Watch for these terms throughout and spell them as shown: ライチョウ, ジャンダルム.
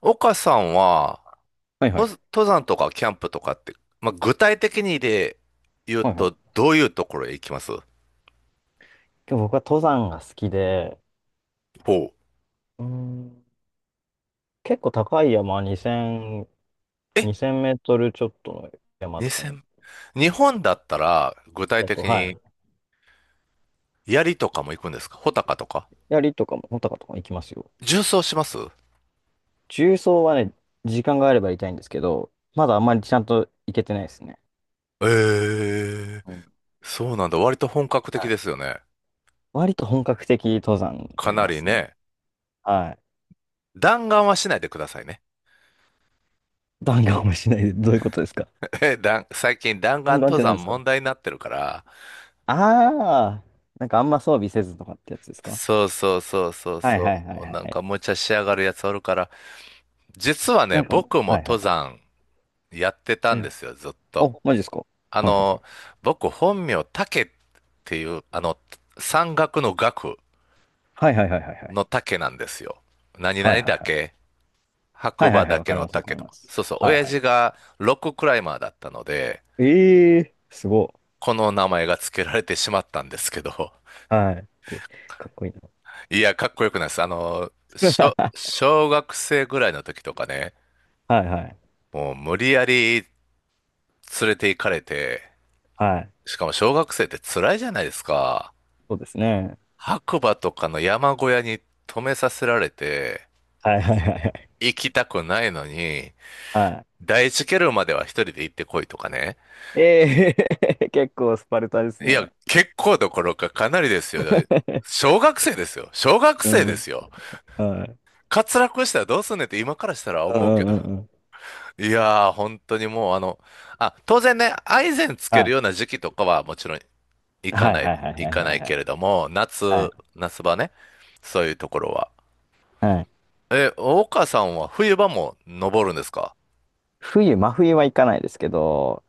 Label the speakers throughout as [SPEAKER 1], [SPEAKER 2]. [SPEAKER 1] 岡さんは、
[SPEAKER 2] はいはい。
[SPEAKER 1] 登山とかキャンプとかって、まあ、具体的に言う
[SPEAKER 2] はいは
[SPEAKER 1] と、
[SPEAKER 2] い。
[SPEAKER 1] どういうところへ行きます？
[SPEAKER 2] で僕は登山が好きで、
[SPEAKER 1] ほう。
[SPEAKER 2] うーん、結構高い山、2000、
[SPEAKER 1] え、
[SPEAKER 2] 2メートルちょっとの山とかに、
[SPEAKER 1] 2000、日本だったら、具体
[SPEAKER 2] だと、
[SPEAKER 1] 的
[SPEAKER 2] は
[SPEAKER 1] に、
[SPEAKER 2] い。
[SPEAKER 1] 槍とかも行くんですか？穂高とか
[SPEAKER 2] 槍とかも、穂高とかも行きますよ。
[SPEAKER 1] 縦走します？
[SPEAKER 2] 縦走はね、時間があれば行きたいんですけど、まだあんまりちゃんと行けてないですね。
[SPEAKER 1] えー、
[SPEAKER 2] うん。
[SPEAKER 1] そうなんだ。割と本格的
[SPEAKER 2] は
[SPEAKER 1] です
[SPEAKER 2] い。
[SPEAKER 1] よね。
[SPEAKER 2] 割と本格的登山
[SPEAKER 1] か
[SPEAKER 2] やり
[SPEAKER 1] な
[SPEAKER 2] ま
[SPEAKER 1] り
[SPEAKER 2] すね。
[SPEAKER 1] ね。
[SPEAKER 2] はい。
[SPEAKER 1] 弾丸はしないでくださいね。
[SPEAKER 2] 弾丸もしないで、どういうことですか？
[SPEAKER 1] 最近弾丸
[SPEAKER 2] 弾丸っ
[SPEAKER 1] 登
[SPEAKER 2] て何で
[SPEAKER 1] 山
[SPEAKER 2] すか？
[SPEAKER 1] 問題になってるから。
[SPEAKER 2] ああー、なんかあんま装備せずとかってやつですか？
[SPEAKER 1] そうそうそうそう
[SPEAKER 2] はいは
[SPEAKER 1] そ
[SPEAKER 2] いはい
[SPEAKER 1] う。
[SPEAKER 2] はい
[SPEAKER 1] なん
[SPEAKER 2] はい。
[SPEAKER 1] か無茶しやがるやつおるから、実は
[SPEAKER 2] な
[SPEAKER 1] ね、
[SPEAKER 2] んかね、
[SPEAKER 1] 僕も
[SPEAKER 2] はいはい
[SPEAKER 1] 登
[SPEAKER 2] はい。
[SPEAKER 1] 山やってた
[SPEAKER 2] え
[SPEAKER 1] んで
[SPEAKER 2] え、
[SPEAKER 1] すよ、ずっ
[SPEAKER 2] お、
[SPEAKER 1] と。
[SPEAKER 2] マジですか？
[SPEAKER 1] あ
[SPEAKER 2] はいはいはい。
[SPEAKER 1] の、僕本名、竹っていう、山岳の岳
[SPEAKER 2] はいはいはいはいはい。
[SPEAKER 1] の竹なんですよ。何
[SPEAKER 2] はい
[SPEAKER 1] 々
[SPEAKER 2] はいはい。
[SPEAKER 1] 岳、白
[SPEAKER 2] はいはい
[SPEAKER 1] 馬
[SPEAKER 2] はい、わ
[SPEAKER 1] 岳
[SPEAKER 2] かり
[SPEAKER 1] の
[SPEAKER 2] ます、わか
[SPEAKER 1] 竹
[SPEAKER 2] り
[SPEAKER 1] と
[SPEAKER 2] ま
[SPEAKER 1] か。
[SPEAKER 2] す。
[SPEAKER 1] そうそう、
[SPEAKER 2] はい
[SPEAKER 1] 親
[SPEAKER 2] はい。
[SPEAKER 1] 父がロッククライマーだったので、
[SPEAKER 2] ええー、すご
[SPEAKER 1] この名前が付けられてしまったんですけど、
[SPEAKER 2] い。はい。って、かっこいいな。
[SPEAKER 1] いや、かっこよくないです。小学生ぐらいの時とかね、
[SPEAKER 2] はいはい。
[SPEAKER 1] もう無理やり連れて行かれて、
[SPEAKER 2] はい。
[SPEAKER 1] しかも小学生って辛いじゃないですか。
[SPEAKER 2] そうですね。
[SPEAKER 1] 白馬とかの山小屋に泊めさせられて、
[SPEAKER 2] はいはいはいはい。
[SPEAKER 1] 行きたくないのに、
[SPEAKER 2] は
[SPEAKER 1] 第一ケルンまでは一人で行ってこいとかね。
[SPEAKER 2] い。ええー、結構スパルタです
[SPEAKER 1] いや、
[SPEAKER 2] ね。
[SPEAKER 1] 結構どころかかなりですよ。小学生ですよ。小学
[SPEAKER 2] う
[SPEAKER 1] 生で
[SPEAKER 2] ん。
[SPEAKER 1] すよ。
[SPEAKER 2] はい。
[SPEAKER 1] 滑落したらどうすんねんって今からしたら
[SPEAKER 2] う
[SPEAKER 1] 思うけ
[SPEAKER 2] んう
[SPEAKER 1] ど。
[SPEAKER 2] んうんうん。
[SPEAKER 1] いやー、本当にもう当然ね、アイゼンつけ
[SPEAKER 2] は
[SPEAKER 1] るよう
[SPEAKER 2] い。
[SPEAKER 1] な時期とかはもちろん
[SPEAKER 2] はいはいはいは
[SPEAKER 1] 行
[SPEAKER 2] い
[SPEAKER 1] か
[SPEAKER 2] は
[SPEAKER 1] な
[SPEAKER 2] い
[SPEAKER 1] い
[SPEAKER 2] は
[SPEAKER 1] けれ
[SPEAKER 2] い。
[SPEAKER 1] ども、
[SPEAKER 2] はい。
[SPEAKER 1] 夏場ね。そういうところは。
[SPEAKER 2] はい。
[SPEAKER 1] え、大川さんは冬場も登るんですか？
[SPEAKER 2] 真冬は行かないですけど、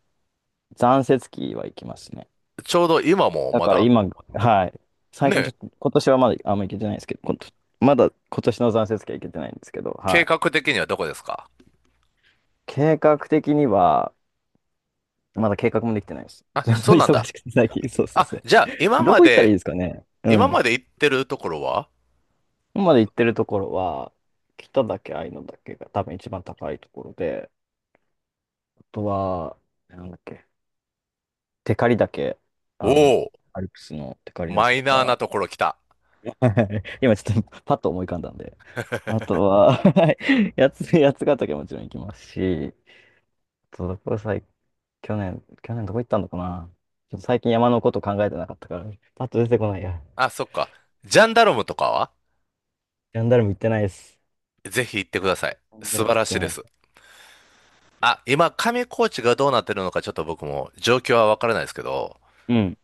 [SPEAKER 2] 残雪期は行きますね。
[SPEAKER 1] ちょうど今も
[SPEAKER 2] だ
[SPEAKER 1] ま
[SPEAKER 2] から
[SPEAKER 1] だ、
[SPEAKER 2] 今、はい。最近ちょ
[SPEAKER 1] ね、
[SPEAKER 2] っと、今年はまだあんま行けてないんですけど、まだ今年の残雪期は行けてないんですけど、
[SPEAKER 1] 計
[SPEAKER 2] はい。
[SPEAKER 1] 画的にはどこですか？
[SPEAKER 2] 計画的には、まだ計画もできてないです。
[SPEAKER 1] あ、
[SPEAKER 2] ちょっと
[SPEAKER 1] そうなん
[SPEAKER 2] 忙
[SPEAKER 1] だ。
[SPEAKER 2] しくて最近、そうそう
[SPEAKER 1] あ、
[SPEAKER 2] そ
[SPEAKER 1] じゃあ、
[SPEAKER 2] う。どこ行ったらいいですかね？う
[SPEAKER 1] 今ま
[SPEAKER 2] ん。
[SPEAKER 1] で行ってるところは？
[SPEAKER 2] 今まで行ってるところは、北岳、愛の岳が多分一番高いところで、あとは、なんだっけ、テカリ岳、
[SPEAKER 1] お
[SPEAKER 2] あの、
[SPEAKER 1] お、
[SPEAKER 2] アルプスのテカリ
[SPEAKER 1] マ
[SPEAKER 2] 岳
[SPEAKER 1] イ
[SPEAKER 2] と
[SPEAKER 1] ナーな
[SPEAKER 2] か、
[SPEAKER 1] ところ来た。
[SPEAKER 2] はい、今ちょっとパッと思い浮かんだんで。あとは、はい、やつがたけもちろん行きますし、あとどこさい、去年どこ行ったのかな？ちょっと最近山のこと考えてなかったから、パッと出てこないや。
[SPEAKER 1] あ、そっか。ジャンダルムとかは？
[SPEAKER 2] ジャンダルム行ってないです。
[SPEAKER 1] ぜひ行ってください。
[SPEAKER 2] ジャンダ
[SPEAKER 1] 素
[SPEAKER 2] ルム
[SPEAKER 1] 晴
[SPEAKER 2] 行っ
[SPEAKER 1] らし
[SPEAKER 2] て
[SPEAKER 1] い
[SPEAKER 2] な
[SPEAKER 1] です。
[SPEAKER 2] い。
[SPEAKER 1] あ、今、上高地がどうなってるのか、ちょっと僕も状況はわからないですけど、
[SPEAKER 2] うん。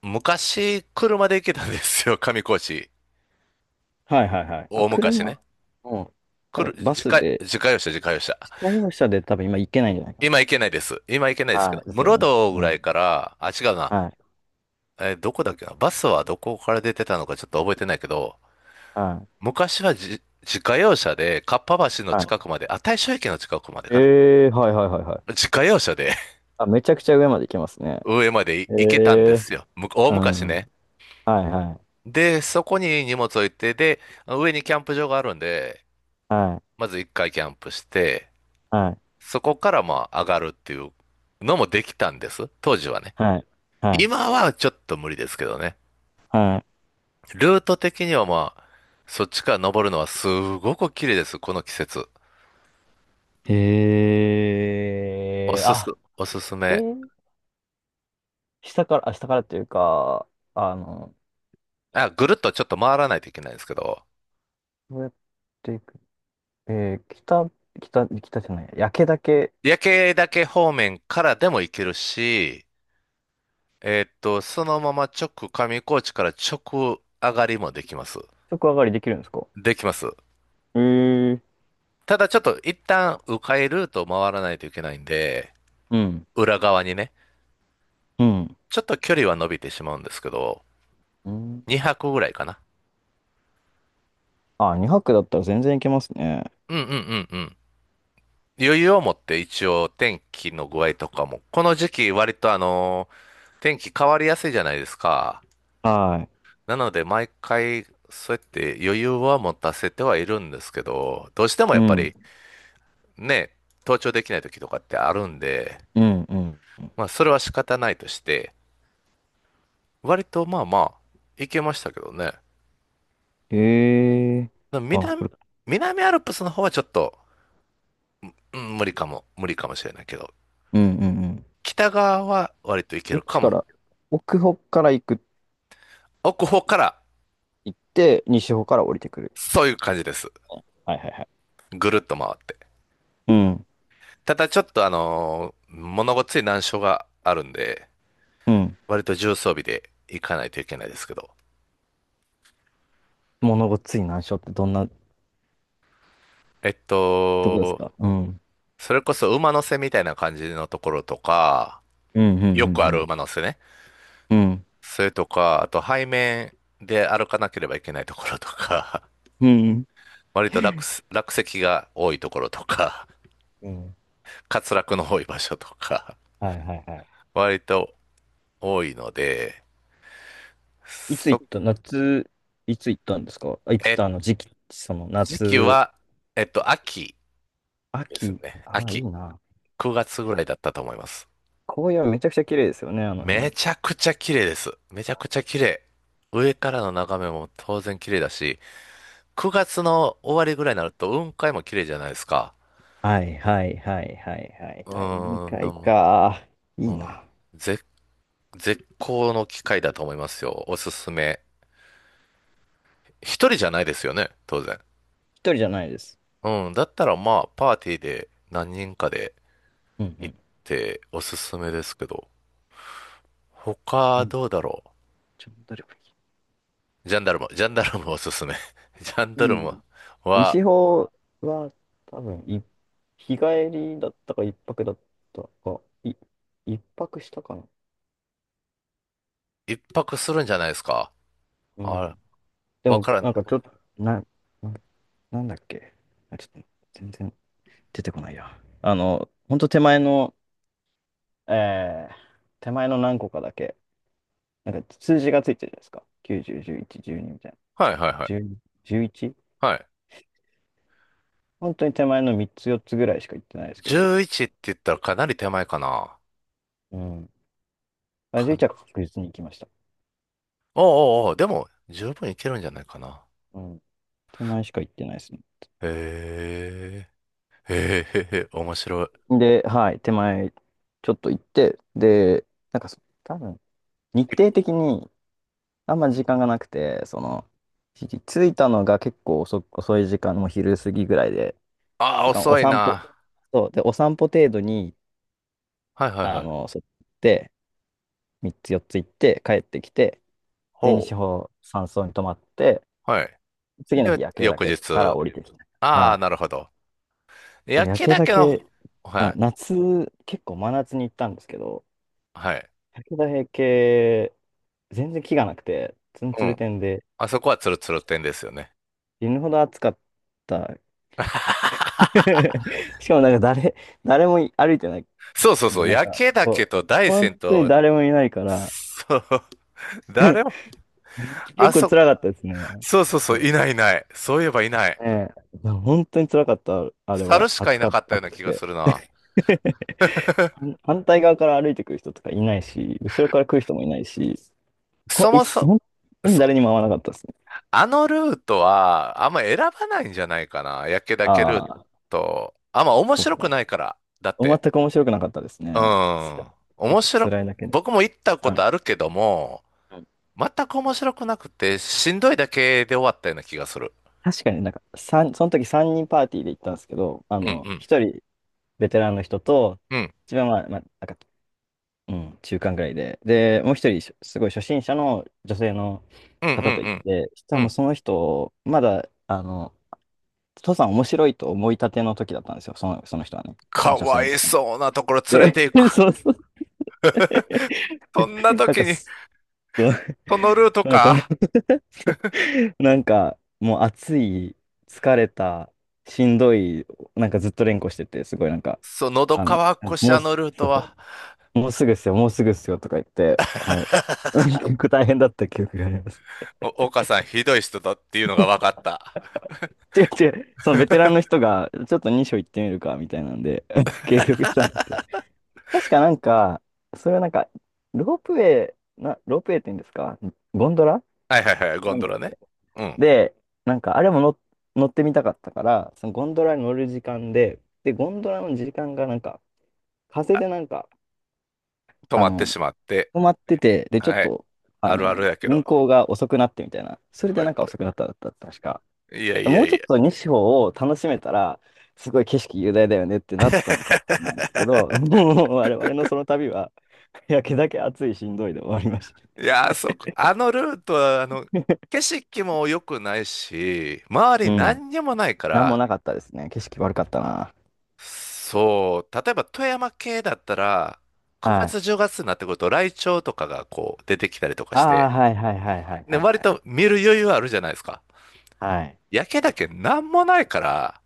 [SPEAKER 1] 昔、車で行けたんですよ、上高地。
[SPEAKER 2] はいはいはい。あ、
[SPEAKER 1] 大昔
[SPEAKER 2] 車
[SPEAKER 1] ね。
[SPEAKER 2] も、多
[SPEAKER 1] 来る、
[SPEAKER 2] 分バ
[SPEAKER 1] 自
[SPEAKER 2] ス
[SPEAKER 1] 家、
[SPEAKER 2] で、
[SPEAKER 1] 自家用車、自家用車。
[SPEAKER 2] 自家用車で多分今行けないんじゃないか
[SPEAKER 1] 今行けないです。今行けない
[SPEAKER 2] な。
[SPEAKER 1] ですけど、
[SPEAKER 2] はい、ですよ
[SPEAKER 1] 室
[SPEAKER 2] ね。
[SPEAKER 1] 堂ぐ
[SPEAKER 2] う
[SPEAKER 1] らい
[SPEAKER 2] ん。
[SPEAKER 1] から、あ、違うな。
[SPEAKER 2] はい、
[SPEAKER 1] どこだっけな？バスはどこから出てたのかちょっと覚えてないけど、
[SPEAKER 2] はい、
[SPEAKER 1] 昔は自家用車で、かっぱ橋の
[SPEAKER 2] はい。
[SPEAKER 1] 近くまで、あ、大正駅の近くまでかな？
[SPEAKER 2] はいはいはいはい。
[SPEAKER 1] 自家用車で
[SPEAKER 2] あ、めちゃくちゃ上まで行けますね。
[SPEAKER 1] 上まで
[SPEAKER 2] え
[SPEAKER 1] 行けたんです
[SPEAKER 2] ー、
[SPEAKER 1] よ。大
[SPEAKER 2] う
[SPEAKER 1] 昔
[SPEAKER 2] ん。
[SPEAKER 1] ね。
[SPEAKER 2] はいはい
[SPEAKER 1] で、そこに荷物置いて、で、上にキャンプ場があるんで、
[SPEAKER 2] は
[SPEAKER 1] まず一回キャンプして、
[SPEAKER 2] い
[SPEAKER 1] そこからまあ上がるっていうのもできたんです。当時はね。
[SPEAKER 2] はいはいはい
[SPEAKER 1] 今はちょっと無理ですけどね。
[SPEAKER 2] はい。
[SPEAKER 1] ルート的にはまあ、そっちから登るのはすごく綺麗です。この季節。お
[SPEAKER 2] へえ、
[SPEAKER 1] すす、
[SPEAKER 2] あ、
[SPEAKER 1] おすす
[SPEAKER 2] え
[SPEAKER 1] め。
[SPEAKER 2] ー、下からっていうか、あの、
[SPEAKER 1] あ、ぐるっとちょっと回らないといけないんですけど、
[SPEAKER 2] どうやっていく、えー、北、北じゃない、焼けだけ
[SPEAKER 1] 夜景だけ方面からでも行けるし、そのまま直上高地から直上がりもできます。
[SPEAKER 2] 食上がりできるんですか？
[SPEAKER 1] できます。
[SPEAKER 2] えー、
[SPEAKER 1] ただちょっと一旦迂回ルートを回らないといけないんで、
[SPEAKER 2] うん、
[SPEAKER 1] 裏側にね、
[SPEAKER 2] うん、
[SPEAKER 1] ちょっと距離は伸びてしまうんですけど、
[SPEAKER 2] うん。
[SPEAKER 1] 2泊ぐらいかな。
[SPEAKER 2] あ、2泊だったら全然いけますね。
[SPEAKER 1] うんうんうんうん。余裕を持って一応天気の具合とかも、この時期割と天気変わりやすいじゃないですか。
[SPEAKER 2] はい。
[SPEAKER 1] なので毎回そうやって余裕は持たせてはいるんですけど、どうしても
[SPEAKER 2] う
[SPEAKER 1] やっぱ
[SPEAKER 2] ん、
[SPEAKER 1] りね、登頂できない時とかってあるんで、
[SPEAKER 2] うん、うん。
[SPEAKER 1] まあそれは仕方ないとして、割とまあまあ行けましたけどね。
[SPEAKER 2] へえ、あ、
[SPEAKER 1] 南、
[SPEAKER 2] これか。
[SPEAKER 1] 南アルプスの方はちょっと、うん、無理かもしれないけど、
[SPEAKER 2] うん、うん、うん。
[SPEAKER 1] 北側は割と行け
[SPEAKER 2] ど
[SPEAKER 1] る
[SPEAKER 2] っち
[SPEAKER 1] か
[SPEAKER 2] か
[SPEAKER 1] も。
[SPEAKER 2] ら、奥方から
[SPEAKER 1] 奥方から
[SPEAKER 2] 行って、西方から降りてくる。
[SPEAKER 1] そういう感じです。
[SPEAKER 2] はいはいはい。
[SPEAKER 1] ぐるっと回って。
[SPEAKER 2] うん。
[SPEAKER 1] ただちょっと物ごっつい難所があるんで、
[SPEAKER 2] うん。
[SPEAKER 1] 割と重装備で行かないといけないですけど。
[SPEAKER 2] 物ごっつい難所ってどんな
[SPEAKER 1] えっ
[SPEAKER 2] とこです
[SPEAKER 1] と、
[SPEAKER 2] か？うん。うん、
[SPEAKER 1] それこそ馬の背みたいな感じのところとか、
[SPEAKER 2] うん、う
[SPEAKER 1] よくある
[SPEAKER 2] ん、
[SPEAKER 1] 馬の背ね。
[SPEAKER 2] うん。
[SPEAKER 1] それとか、あと背面で歩かなければいけないところとか、
[SPEAKER 2] うん。うん。
[SPEAKER 1] 割と落石が多いところとか、
[SPEAKER 2] うん。
[SPEAKER 1] 滑落の多い場所とか、
[SPEAKER 2] はいはいはい。
[SPEAKER 1] 割と多いので、
[SPEAKER 2] いつ
[SPEAKER 1] そ、
[SPEAKER 2] 行った夏、いつ行ったんですか？あいつ
[SPEAKER 1] え、
[SPEAKER 2] あの時期、その
[SPEAKER 1] 時期
[SPEAKER 2] 夏、
[SPEAKER 1] は、秋です
[SPEAKER 2] 秋、
[SPEAKER 1] ね。
[SPEAKER 2] ああ、いい
[SPEAKER 1] 秋。
[SPEAKER 2] な。
[SPEAKER 1] 9月ぐらいだったと思います。
[SPEAKER 2] 紅葉めちゃくちゃ綺麗ですよね、あの
[SPEAKER 1] め
[SPEAKER 2] 辺。
[SPEAKER 1] ちゃくちゃ綺麗です。めちゃくちゃ綺麗。上からの眺めも当然綺麗だし、9月の終わりぐらいになると雲海も綺麗じゃないですか。
[SPEAKER 2] はいはいはいはいはい
[SPEAKER 1] う
[SPEAKER 2] はい。
[SPEAKER 1] ーん、な
[SPEAKER 2] 海
[SPEAKER 1] んも。
[SPEAKER 2] か。い
[SPEAKER 1] う
[SPEAKER 2] い
[SPEAKER 1] ん。
[SPEAKER 2] な。
[SPEAKER 1] 絶、絶好の機会だと思いますよ。おすすめ。一人じゃないですよね、当然。
[SPEAKER 2] 一人じゃないです。
[SPEAKER 1] うん、だったらまあ、パーティーで何人かで
[SPEAKER 2] うんう
[SPEAKER 1] 行
[SPEAKER 2] ん。
[SPEAKER 1] っておすすめですけど、
[SPEAKER 2] う
[SPEAKER 1] 他
[SPEAKER 2] ん。
[SPEAKER 1] どうだろ
[SPEAKER 2] ちょっと誰か。
[SPEAKER 1] う。ジャンダルム、ジャンダルムおすすめ。ジャンダ
[SPEAKER 2] う
[SPEAKER 1] ルム
[SPEAKER 2] ん。
[SPEAKER 1] は
[SPEAKER 2] 西方は多分日帰りだったか一泊だったか、一泊したかな。
[SPEAKER 1] 一泊するんじゃないですか。
[SPEAKER 2] う
[SPEAKER 1] あれ
[SPEAKER 2] ん。で
[SPEAKER 1] わ
[SPEAKER 2] も、
[SPEAKER 1] からん。
[SPEAKER 2] なんかちょっと、な、な、なんだっけ。あ、ちょっと全然出てこないや。あの、ほんとえー、手前の何個かだけ、なんか数字がついてるじゃないですか。90、11、12みたいな。
[SPEAKER 1] はいはいはい。
[SPEAKER 2] 10、11?
[SPEAKER 1] はい。
[SPEAKER 2] 本当に手前の3つ、4つぐらいしか行ってないですけど。
[SPEAKER 1] 11って言ったらかなり手前かな。
[SPEAKER 2] うん。あ、
[SPEAKER 1] か
[SPEAKER 2] 11は
[SPEAKER 1] な。
[SPEAKER 2] 確実に行きました。
[SPEAKER 1] おうおうおう、でも十分いけるんじゃないかな。
[SPEAKER 2] うん。手前しか行ってないですね。
[SPEAKER 1] へえ。へえへへ、面白い。
[SPEAKER 2] で、はい、手前、ちょっと行って、で、なんかそ、多分、日程的にあんま時間がなくて、着いたのが結構遅い時間、もう昼過ぎぐらいで、
[SPEAKER 1] ああ、
[SPEAKER 2] だからお
[SPEAKER 1] 遅い
[SPEAKER 2] 散歩、
[SPEAKER 1] な。
[SPEAKER 2] そう、で、お散歩程度に、
[SPEAKER 1] はいはいはい。
[SPEAKER 2] そう行って、3つ4つ行って、帰ってきて、で、
[SPEAKER 1] ほう。
[SPEAKER 2] 西方山荘に泊まって、
[SPEAKER 1] はい。
[SPEAKER 2] 次の日、
[SPEAKER 1] で、
[SPEAKER 2] 夜景
[SPEAKER 1] 翌
[SPEAKER 2] 岳から
[SPEAKER 1] 日。
[SPEAKER 2] 降りてきた。
[SPEAKER 1] あ
[SPEAKER 2] は
[SPEAKER 1] あ、
[SPEAKER 2] い。
[SPEAKER 1] なるほど。
[SPEAKER 2] でも
[SPEAKER 1] 焼
[SPEAKER 2] 夜
[SPEAKER 1] き
[SPEAKER 2] 景
[SPEAKER 1] だ
[SPEAKER 2] だ
[SPEAKER 1] けの、
[SPEAKER 2] 岳、はい、
[SPEAKER 1] はい。
[SPEAKER 2] 夏、結構真夏に行ったんですけど、
[SPEAKER 1] はい。
[SPEAKER 2] 武田平家、全然気がなくて、ツン
[SPEAKER 1] う
[SPEAKER 2] ツル
[SPEAKER 1] ん。
[SPEAKER 2] 天で、
[SPEAKER 1] あそこはツルツル店ですよね。
[SPEAKER 2] 死ぬほど暑かった。しかもなんか誰も歩いてない
[SPEAKER 1] そうそう
[SPEAKER 2] んで、
[SPEAKER 1] そう。
[SPEAKER 2] なん
[SPEAKER 1] 焼
[SPEAKER 2] か、
[SPEAKER 1] けだ
[SPEAKER 2] こ
[SPEAKER 1] け
[SPEAKER 2] う、
[SPEAKER 1] と大
[SPEAKER 2] 本
[SPEAKER 1] 山
[SPEAKER 2] 当に
[SPEAKER 1] と、
[SPEAKER 2] 誰もいないから、
[SPEAKER 1] そう。誰も、
[SPEAKER 2] 結
[SPEAKER 1] あ
[SPEAKER 2] 構
[SPEAKER 1] そ、
[SPEAKER 2] 辛かったですね。
[SPEAKER 1] そうそう
[SPEAKER 2] そ
[SPEAKER 1] そう。い
[SPEAKER 2] う。
[SPEAKER 1] ないいない。そういえばいない。
[SPEAKER 2] ねえ、本当に辛かった、あれ
[SPEAKER 1] 猿
[SPEAKER 2] は。
[SPEAKER 1] しか
[SPEAKER 2] 暑
[SPEAKER 1] いな
[SPEAKER 2] かっ
[SPEAKER 1] かったよう
[SPEAKER 2] 暑
[SPEAKER 1] な
[SPEAKER 2] く
[SPEAKER 1] 気が
[SPEAKER 2] て。
[SPEAKER 1] するな。
[SPEAKER 2] 反対側から歩いてくる人とかいないし、後ろから来る人もいないし、ほ、
[SPEAKER 1] そ
[SPEAKER 2] いっ
[SPEAKER 1] もそ、
[SPEAKER 2] 本当に
[SPEAKER 1] そう、
[SPEAKER 2] 誰にも会わなかったですね。
[SPEAKER 1] あのルートは、あんま選ばないんじゃないかな。焼岳ルー
[SPEAKER 2] ああ、
[SPEAKER 1] ト。あんま面
[SPEAKER 2] そう
[SPEAKER 1] 白くな
[SPEAKER 2] か。
[SPEAKER 1] いから。だっ
[SPEAKER 2] 全
[SPEAKER 1] て、
[SPEAKER 2] く面白くなかったです
[SPEAKER 1] う
[SPEAKER 2] ね。
[SPEAKER 1] ん。
[SPEAKER 2] 結
[SPEAKER 1] 面
[SPEAKER 2] 構
[SPEAKER 1] 白、
[SPEAKER 2] 辛いだけで。
[SPEAKER 1] 僕も行ったこ
[SPEAKER 2] は
[SPEAKER 1] と
[SPEAKER 2] い。
[SPEAKER 1] あるけども、全く面白くなくて、しんどいだけで終わったような気がする。
[SPEAKER 2] 確かになんか、その時3人パーティーで行ったんですけど、
[SPEAKER 1] うんうん。
[SPEAKER 2] 1人ベテランの人と、
[SPEAKER 1] うん。
[SPEAKER 2] 一番まあ、まあ、なんか、うん、中間ぐらいで、で、もう一人、すごい初心者の女性の
[SPEAKER 1] うんうん
[SPEAKER 2] 方と
[SPEAKER 1] う
[SPEAKER 2] 行っ
[SPEAKER 1] ん
[SPEAKER 2] て、そした
[SPEAKER 1] う
[SPEAKER 2] らもう
[SPEAKER 1] ん。
[SPEAKER 2] その人、まだ、父さん面白いと思いたての時だったんですよ、その人はね、そ
[SPEAKER 1] か
[SPEAKER 2] の女性
[SPEAKER 1] わ
[SPEAKER 2] の
[SPEAKER 1] い
[SPEAKER 2] 方が。
[SPEAKER 1] そうなところ連れて
[SPEAKER 2] で、
[SPEAKER 1] い く。
[SPEAKER 2] そうそう。
[SPEAKER 1] そんな
[SPEAKER 2] なん
[SPEAKER 1] 時
[SPEAKER 2] か、
[SPEAKER 1] に、
[SPEAKER 2] そう
[SPEAKER 1] そのルート
[SPEAKER 2] なんかもう。
[SPEAKER 1] か。
[SPEAKER 2] なんか、もう暑い、疲れた、しんどい、なんかずっと連呼してて、すごいなんか、
[SPEAKER 1] そう、喉
[SPEAKER 2] あの、
[SPEAKER 1] 乾くし、
[SPEAKER 2] も
[SPEAKER 1] あ
[SPEAKER 2] う
[SPEAKER 1] の
[SPEAKER 2] す、
[SPEAKER 1] ルー
[SPEAKER 2] そ
[SPEAKER 1] トは。
[SPEAKER 2] う、もうすぐっすよ、もうすぐっすよとか言って、はい。結構大変だった記憶があります。
[SPEAKER 1] 岡さん、ひどい人だっていうのが分かった。
[SPEAKER 2] 違う違う、そのベテランの 人が、ちょっと2章行ってみるか、みたいなんで、計画したんですけど。確かなんか、それはなんか、ロープウェロープウェイって言うんですか？ゴンドラ
[SPEAKER 1] はいはいはい、ゴ
[SPEAKER 2] な
[SPEAKER 1] ン
[SPEAKER 2] ん
[SPEAKER 1] ド
[SPEAKER 2] だ。
[SPEAKER 1] ラね。うん、
[SPEAKER 2] で、なんかあれも乗ってみたかったから、そのゴンドラに乗る時間で、ゴンドラの時間がなんか、風でなんか、
[SPEAKER 1] 止
[SPEAKER 2] あ
[SPEAKER 1] まってし
[SPEAKER 2] の、
[SPEAKER 1] まって。
[SPEAKER 2] 止まってて、で、ちょっ
[SPEAKER 1] はい、
[SPEAKER 2] と、
[SPEAKER 1] あるあるやけど。
[SPEAKER 2] 運行が遅くなってみたいな、それで
[SPEAKER 1] はい
[SPEAKER 2] なんか
[SPEAKER 1] は
[SPEAKER 2] 遅くなったんだった、確か。
[SPEAKER 1] い。いやい
[SPEAKER 2] も
[SPEAKER 1] や
[SPEAKER 2] うち
[SPEAKER 1] い
[SPEAKER 2] ょっ
[SPEAKER 1] や。
[SPEAKER 2] と西方を楽しめたら、すごい景色雄大だよねってなったのかもしれないんですけど、もう我々のその旅は、焼けだけ暑いしんどいで終わりました。
[SPEAKER 1] いや、あそこ、あのルートは、景色も良くないし、周り
[SPEAKER 2] うん。
[SPEAKER 1] 何にもないか
[SPEAKER 2] なんも
[SPEAKER 1] ら、
[SPEAKER 2] なかったですね。景色悪かったな。
[SPEAKER 1] そう、例えば富山系だったら、9
[SPEAKER 2] はい。
[SPEAKER 1] 月10月になってくると、ライチョウとかがこう出てきたりとか
[SPEAKER 2] あ
[SPEAKER 1] し
[SPEAKER 2] あ、
[SPEAKER 1] て、
[SPEAKER 2] はいはいはいはい
[SPEAKER 1] で、
[SPEAKER 2] はい
[SPEAKER 1] 割
[SPEAKER 2] はい。
[SPEAKER 1] と見る余裕あるじゃないですか。
[SPEAKER 2] はい。
[SPEAKER 1] 焼けだけなんもないから、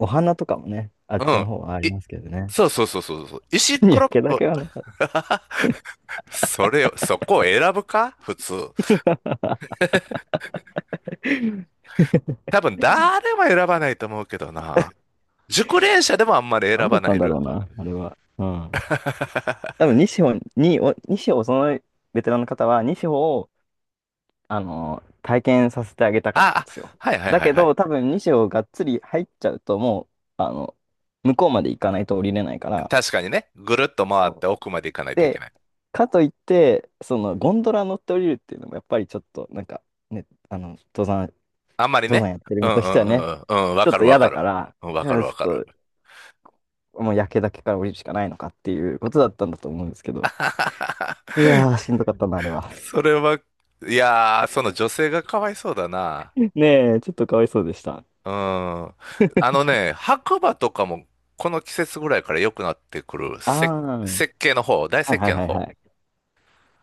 [SPEAKER 2] お花とかもね、あっ
[SPEAKER 1] う
[SPEAKER 2] ちの
[SPEAKER 1] ん。
[SPEAKER 2] 方はあり
[SPEAKER 1] い、
[SPEAKER 2] ますけどね。
[SPEAKER 1] そうそうそうそうそう。石っ
[SPEAKER 2] い
[SPEAKER 1] こ
[SPEAKER 2] や
[SPEAKER 1] ろ
[SPEAKER 2] けだ
[SPEAKER 1] ぼ、
[SPEAKER 2] けはなかっ
[SPEAKER 1] それを、そこを選ぶか普通。
[SPEAKER 2] た。
[SPEAKER 1] 多分誰も選ばないと思うけどな。熟練者でもあん まり選
[SPEAKER 2] 何だ
[SPEAKER 1] ば
[SPEAKER 2] っ
[SPEAKER 1] な
[SPEAKER 2] た
[SPEAKER 1] い
[SPEAKER 2] んだ
[SPEAKER 1] ル
[SPEAKER 2] ろう
[SPEAKER 1] ート。
[SPEAKER 2] な、あれは。うん。多分、西穂に、お西穂、そのベテランの方は、西穂を、体験させてあげたかったん
[SPEAKER 1] あ、
[SPEAKER 2] ですよ。
[SPEAKER 1] はいはい
[SPEAKER 2] だ
[SPEAKER 1] はい
[SPEAKER 2] け
[SPEAKER 1] はい。
[SPEAKER 2] ど、多分、西穂がっつり入っちゃうと、もう、向こうまで行かないと降りれないから、
[SPEAKER 1] 確かにね。ぐるっと回っ
[SPEAKER 2] そ
[SPEAKER 1] て
[SPEAKER 2] う
[SPEAKER 1] 奥まで行かないといけ
[SPEAKER 2] で、
[SPEAKER 1] ない。
[SPEAKER 2] かといって、そのゴンドラ乗って降りるっていうのもやっぱりちょっとなんかね、
[SPEAKER 1] あんまり
[SPEAKER 2] 登
[SPEAKER 1] ね。
[SPEAKER 2] 山やってる
[SPEAKER 1] う
[SPEAKER 2] 身
[SPEAKER 1] ん
[SPEAKER 2] と
[SPEAKER 1] う
[SPEAKER 2] して
[SPEAKER 1] ん
[SPEAKER 2] は
[SPEAKER 1] う
[SPEAKER 2] ね、
[SPEAKER 1] んうん。うん、わ
[SPEAKER 2] ちょっ
[SPEAKER 1] かる
[SPEAKER 2] と
[SPEAKER 1] わ
[SPEAKER 2] 嫌だ
[SPEAKER 1] かる。
[SPEAKER 2] から、
[SPEAKER 1] うん
[SPEAKER 2] い
[SPEAKER 1] わかる
[SPEAKER 2] やち
[SPEAKER 1] わか
[SPEAKER 2] ょ
[SPEAKER 1] る。
[SPEAKER 2] っともう焼けだけから降りるしかないのかっていうことだったんだと思うんですけど。いやー、しんどかったな、あれは。
[SPEAKER 1] それは、いやー、その女性がかわいそうだな。
[SPEAKER 2] ねえ、ちょっとかわいそうでした。
[SPEAKER 1] うん。あのね、白馬とかもこの季節ぐらいから良くなってくる。
[SPEAKER 2] ああ、
[SPEAKER 1] 設計の方、大
[SPEAKER 2] はい
[SPEAKER 1] 設
[SPEAKER 2] は
[SPEAKER 1] 計
[SPEAKER 2] い
[SPEAKER 1] の
[SPEAKER 2] はいは
[SPEAKER 1] 方。
[SPEAKER 2] い。行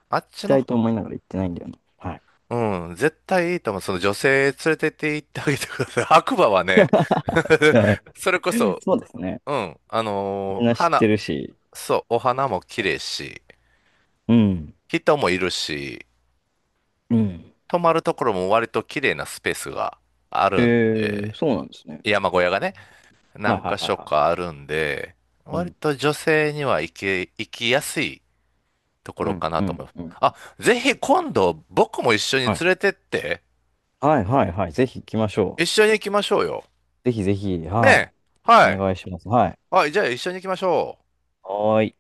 [SPEAKER 1] あっ
[SPEAKER 2] き
[SPEAKER 1] ちの
[SPEAKER 2] たい
[SPEAKER 1] 方、
[SPEAKER 2] と思いながら行ってないんだよな。はい。
[SPEAKER 1] うん、絶対いいと思う。その女性連れてって行ってあげてください。白馬はね、
[SPEAKER 2] はい、
[SPEAKER 1] それこそ、
[SPEAKER 2] そうですね。
[SPEAKER 1] うん、
[SPEAKER 2] みんな知って
[SPEAKER 1] 花、
[SPEAKER 2] るし。
[SPEAKER 1] そう、お花も綺麗し、
[SPEAKER 2] うん。
[SPEAKER 1] 人もいるし、
[SPEAKER 2] うん。
[SPEAKER 1] 泊まるところも割と綺麗なスペースがあ
[SPEAKER 2] え
[SPEAKER 1] るんで、
[SPEAKER 2] そうなんですね。
[SPEAKER 1] 山小屋がね。
[SPEAKER 2] はい
[SPEAKER 1] 何
[SPEAKER 2] は
[SPEAKER 1] か
[SPEAKER 2] いはい
[SPEAKER 1] 所
[SPEAKER 2] は
[SPEAKER 1] かあるんで、
[SPEAKER 2] い。う
[SPEAKER 1] 割
[SPEAKER 2] ん。
[SPEAKER 1] と女性には行きやすいとこ
[SPEAKER 2] う
[SPEAKER 1] ろ
[SPEAKER 2] ん
[SPEAKER 1] かな
[SPEAKER 2] う
[SPEAKER 1] と思
[SPEAKER 2] ん
[SPEAKER 1] います。
[SPEAKER 2] うん。
[SPEAKER 1] あ、ぜひ今度僕も一緒に連
[SPEAKER 2] はい。
[SPEAKER 1] れてって、
[SPEAKER 2] はいはいはい。ぜひ行きましょ
[SPEAKER 1] 一緒に行きましょうよ。
[SPEAKER 2] う。ぜひぜひ。
[SPEAKER 1] ね
[SPEAKER 2] はい。
[SPEAKER 1] え。
[SPEAKER 2] お
[SPEAKER 1] はい。
[SPEAKER 2] 願いします。はい。
[SPEAKER 1] あ、じゃあ一緒に行きましょう。
[SPEAKER 2] はーい。